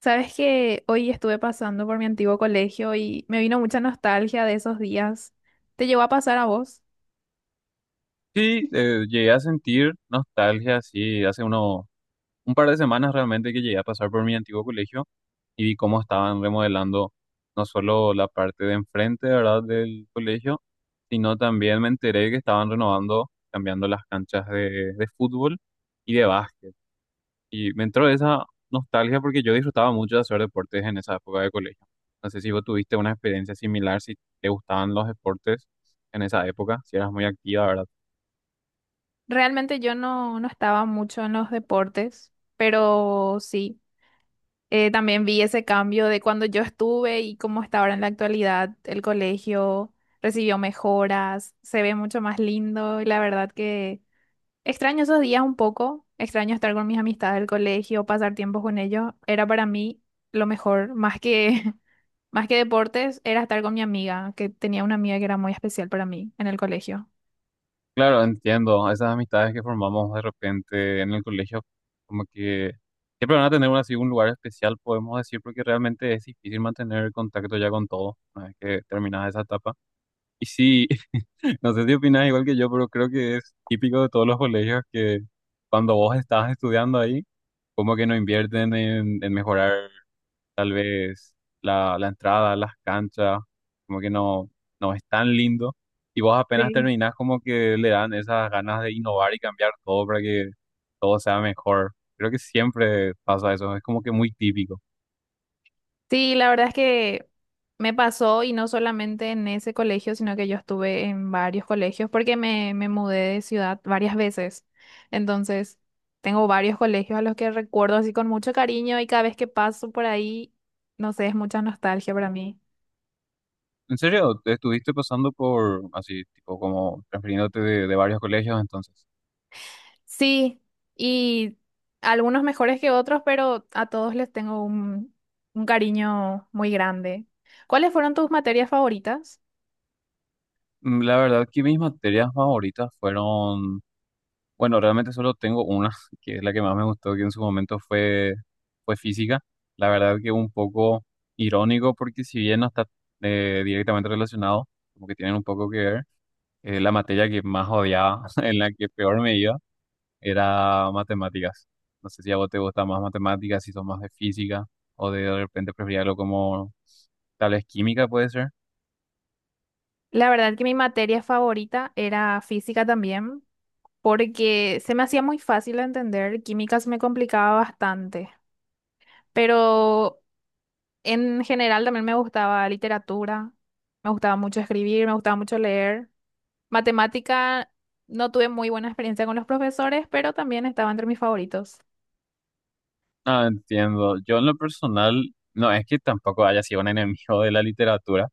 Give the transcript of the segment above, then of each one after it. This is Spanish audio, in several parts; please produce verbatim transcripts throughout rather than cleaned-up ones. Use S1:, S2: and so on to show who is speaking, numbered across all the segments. S1: Sabes que hoy estuve pasando por mi antiguo colegio y me vino mucha nostalgia de esos días. ¿Te llegó a pasar a vos?
S2: Sí, eh, llegué a sentir nostalgia, sí, hace uno, un par de semanas realmente que llegué a pasar por mi antiguo colegio y vi cómo estaban remodelando no solo la parte de enfrente, ¿verdad?, del colegio, sino también me enteré que estaban renovando, cambiando las canchas de, de fútbol y de básquet. Y me entró esa nostalgia porque yo disfrutaba mucho de hacer deportes en esa época de colegio. No sé si vos tuviste una experiencia similar, si te gustaban los deportes en esa época, si eras muy activa, ¿verdad?
S1: Realmente yo no, no estaba mucho en los deportes, pero sí, eh, también vi ese cambio de cuando yo estuve y cómo está ahora en la actualidad. El colegio recibió mejoras, se ve mucho más lindo y la verdad que extraño esos días un poco, extraño estar con mis amistades del colegio, pasar tiempo con ellos, era para mí lo mejor, más que, más que deportes, era estar con mi amiga, que tenía una amiga que era muy especial para mí en el colegio.
S2: Claro, entiendo. Esas amistades que formamos de repente en el colegio, como que siempre van a tener un, así, un lugar especial, podemos decir, porque realmente es difícil mantener el contacto ya con todos una vez que terminas esa etapa. Y sí, no sé si opinas igual que yo, pero creo que es típico de todos los colegios que cuando vos estás estudiando ahí, como que no invierten en, en mejorar. Tal vez la, la entrada, las canchas, como que no, no es tan lindo. Y vos apenas
S1: Sí.
S2: terminás, como que le dan esas ganas de innovar y cambiar todo para que todo sea mejor. Creo que siempre pasa eso, es como que muy típico.
S1: Sí, la verdad es que me, pasó, y no solamente en ese colegio, sino que yo estuve en varios colegios porque me, me mudé de ciudad varias veces. Entonces, tengo varios colegios a los que recuerdo así con mucho cariño, y cada vez que paso por ahí, no sé, es mucha nostalgia para mí.
S2: ¿En serio? ¿Te estuviste pasando por así, tipo como transfiriéndote de, de varios colegios entonces?
S1: Sí, y algunos mejores que otros, pero a todos les tengo un, un cariño muy grande. ¿Cuáles fueron tus materias favoritas?
S2: Mm, La verdad que mis materias favoritas fueron. Bueno, realmente solo tengo una, que es la que más me gustó, que en su momento fue, fue física. La verdad que un poco irónico, porque si bien no está, eh, directamente relacionado, como que tienen un poco que ver, eh, la materia que más odiaba, en la que peor me iba, era matemáticas. No sé si a vos te gusta más matemáticas, si sos más de física, o de, de repente preferís algo como tal vez química, puede ser.
S1: La verdad que mi materia favorita era física también, porque se me hacía muy fácil de entender. Química se me complicaba bastante, pero en general también me gustaba literatura, me gustaba mucho escribir, me gustaba mucho leer. Matemática, no tuve muy buena experiencia con los profesores, pero también estaba entre mis favoritos.
S2: Ah, entiendo. Yo en lo personal, no es que tampoco haya sido un enemigo de la literatura.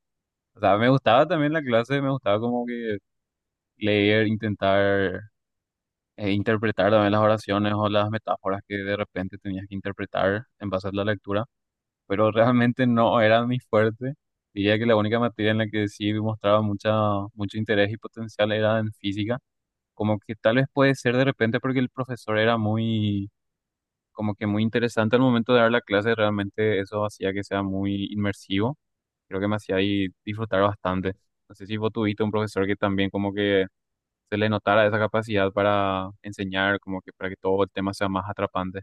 S2: O sea, me gustaba también la clase, me gustaba como que leer, intentar eh, interpretar también las oraciones o las metáforas que de repente tenías que interpretar en base a la lectura, pero realmente no era mi fuerte. Diría que la única materia en la que sí mostraba mucha, mucho interés y potencial era en física, como que tal vez puede ser de repente porque el profesor era muy, como que muy interesante al momento de dar la clase, realmente eso hacía que sea muy inmersivo. Creo que me hacía ahí disfrutar bastante. No sé si vos tuviste un profesor que también como que se le notara esa capacidad para enseñar, como que para que todo el tema sea más atrapante.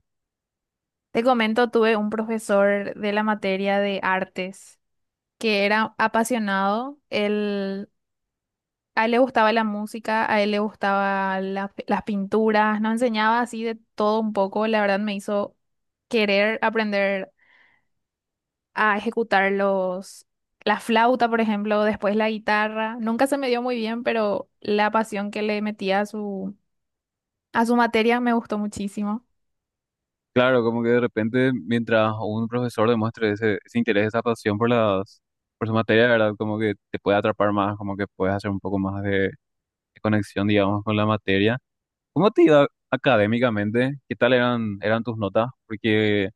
S1: Te comento, tuve un profesor de la materia de artes que era apasionado. Él, a él le gustaba la música, a él le gustaba la- las pinturas, nos enseñaba así de todo un poco. La verdad me hizo querer aprender a ejecutar los, la flauta, por ejemplo, después la guitarra. Nunca se me dio muy bien, pero la pasión que le metía a su, a su materia me gustó muchísimo.
S2: Claro, como que de repente mientras un profesor demuestre ese, ese interés, esa pasión por las, por su materia, ¿verdad? Como que te puede atrapar más, como que puedes hacer un poco más de conexión, digamos, con la materia. ¿Cómo te iba académicamente? ¿Qué tal eran, eran tus notas? Porque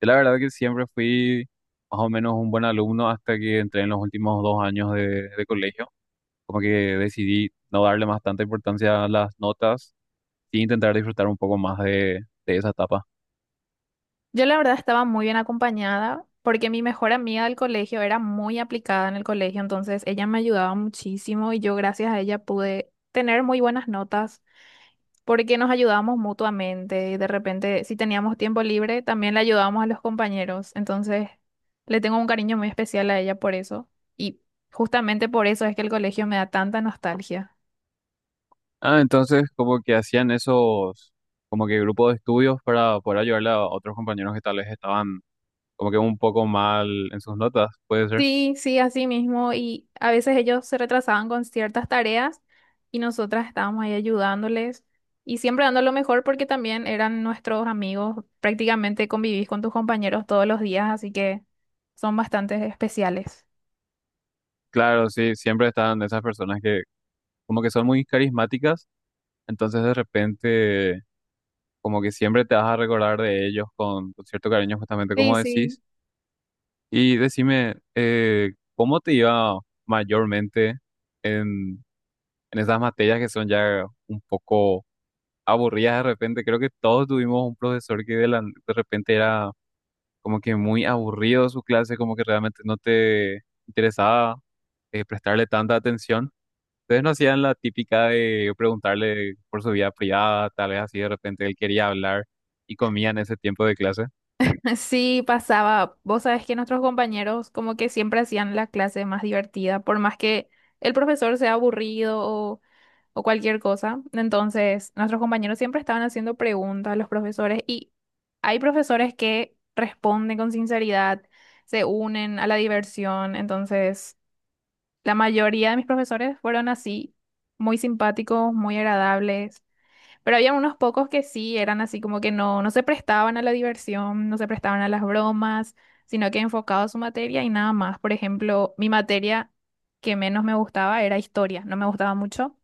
S2: yo la verdad que siempre fui más o menos un buen alumno hasta que entré en los últimos dos años de, de colegio. Como que decidí no darle más tanta importancia a las notas y intentar disfrutar un poco más de, de esa etapa.
S1: Yo la verdad estaba muy bien acompañada porque mi mejor amiga del colegio era muy aplicada en el colegio, entonces ella me ayudaba muchísimo, y yo gracias a ella pude tener muy buenas notas porque nos ayudábamos mutuamente, y de repente si teníamos tiempo libre también le ayudábamos a los compañeros. Entonces, le tengo un cariño muy especial a ella por eso, y justamente por eso es que el colegio me da tanta nostalgia.
S2: Ah, entonces como que hacían esos, como que grupos de estudios para poder ayudarle a otros compañeros que tal vez estaban como que un poco mal en sus notas, puede ser.
S1: Sí, sí, así mismo. Y a veces ellos se retrasaban con ciertas tareas, y nosotras estábamos ahí ayudándoles y siempre dando lo mejor porque también eran nuestros amigos. Prácticamente convivís con tus compañeros todos los días, así que son bastante especiales.
S2: Claro, sí, siempre están esas personas que como que son muy carismáticas, entonces de repente como que siempre te vas a recordar de ellos con, con cierto cariño, justamente
S1: Sí,
S2: como
S1: sí.
S2: decís. Y decime, eh, ¿cómo te iba mayormente en, en esas materias que son ya un poco aburridas de repente? Creo que todos tuvimos un profesor que de, la- de repente era como que muy aburrido su clase, como que realmente no te interesaba eh, prestarle tanta atención. Ustedes no hacían la típica de preguntarle por su vida privada, tal vez así de repente él quería hablar y comían ese tiempo de clase.
S1: Sí, pasaba. Vos sabés que nuestros compañeros como que siempre hacían la clase más divertida, por más que el profesor sea aburrido o cualquier cosa. Entonces, nuestros compañeros siempre estaban haciendo preguntas a los profesores, y hay profesores que responden con sinceridad, se unen a la diversión. Entonces, la mayoría de mis profesores fueron así, muy simpáticos, muy agradables. Pero había unos pocos que sí eran así como que no, no se prestaban a la diversión, no se prestaban a las bromas, sino que enfocados a su materia y nada más. Por ejemplo, mi materia que menos me gustaba era historia. No me gustaba mucho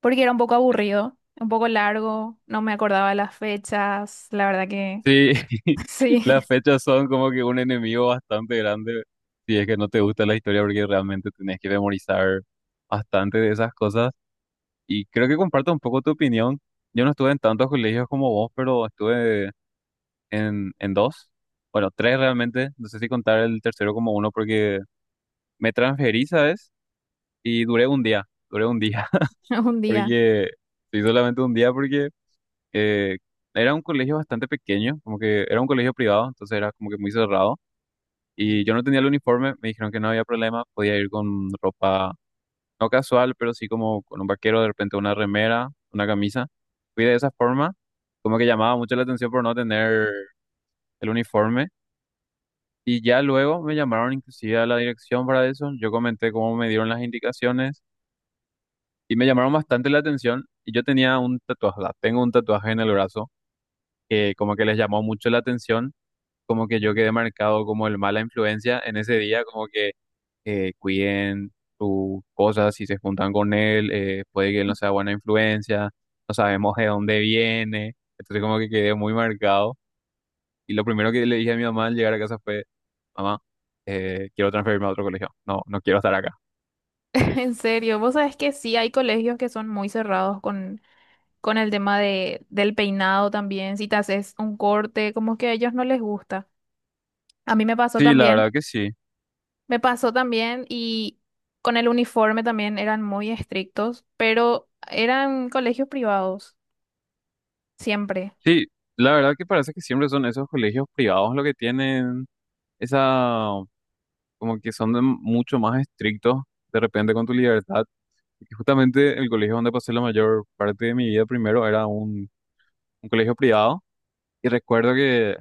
S1: porque era un poco aburrido, un poco largo, no me acordaba las fechas, la verdad que
S2: Sí,
S1: sí,
S2: las fechas son como que un enemigo bastante grande si es que no te gusta la historia porque realmente tenés que memorizar bastante de esas cosas. Y creo que comparto un poco tu opinión. Yo no estuve en tantos colegios como vos, pero estuve en, en dos, bueno, tres realmente. No sé si contar el tercero como uno porque me transferí, ¿sabes? Y duré un día, duré un día,
S1: un día.
S2: porque sí, solamente un día porque eh, era un colegio bastante pequeño, como que era un colegio privado, entonces era como que muy cerrado. Y yo no tenía el uniforme, me dijeron que no había problema, podía ir con ropa no casual, pero sí como con un vaquero, de repente una remera, una camisa. Fui de esa forma, como que llamaba mucho la atención por no tener el uniforme. Y ya luego me llamaron inclusive a la dirección para eso, yo comenté cómo me dieron las indicaciones y me llamaron bastante la atención. Y yo tenía un tatuaje, va, tengo un tatuaje en el brazo que como que les llamó mucho la atención, como que yo quedé marcado como el mala influencia en ese día, como que eh, cuiden sus cosas, si se juntan con él, eh, puede que él no sea buena influencia, no sabemos de dónde viene, entonces como que quedé muy marcado. Y lo primero que le dije a mi mamá al llegar a casa fue, mamá, eh, quiero transferirme a otro colegio, no, no quiero estar acá.
S1: En serio, vos sabés que sí, hay colegios que son muy cerrados con, con el tema de, del peinado también, si te haces un corte, como que a ellos no les gusta. A mí me pasó
S2: Sí, la
S1: también,
S2: verdad que sí.
S1: me pasó también, y con el uniforme también eran muy estrictos, pero eran colegios privados, siempre.
S2: Sí, la verdad que parece que siempre son esos colegios privados los que tienen esa, como que son de- mucho más estrictos de repente con tu libertad. Porque justamente el colegio donde pasé la mayor parte de mi vida primero era un un colegio privado y recuerdo que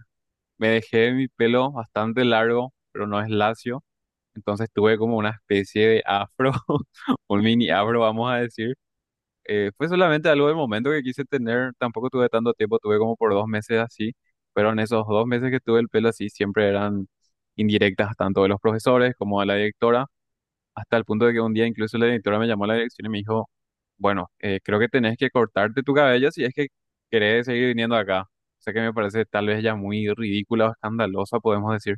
S2: me dejé mi pelo bastante largo, pero no es lacio, entonces tuve como una especie de afro, un mini afro, vamos a decir. Eh, fue solamente algo del momento que quise tener, tampoco tuve tanto tiempo, tuve como por dos meses así, pero en esos dos meses que tuve el pelo así siempre eran indirectas tanto de los profesores como de la directora, hasta el punto de que un día incluso la directora me llamó a la dirección y me dijo bueno, eh, creo que tenés que cortarte tu cabello si es que querés seguir viniendo acá. O sea que me parece tal vez ya muy ridícula o escandalosa, podemos decir.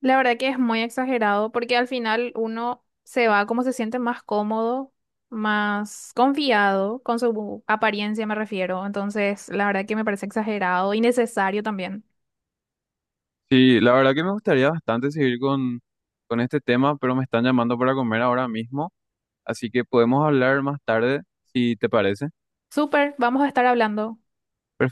S1: La verdad que es muy exagerado porque al final uno se va como se siente más cómodo, más confiado con su apariencia, me refiero. Entonces, la verdad que me parece exagerado y necesario también.
S2: Sí, la verdad que me gustaría bastante seguir con, con este tema, pero me están llamando para comer ahora mismo, así que podemos hablar más tarde, si te parece.
S1: Súper, vamos a estar hablando.
S2: Perfecto.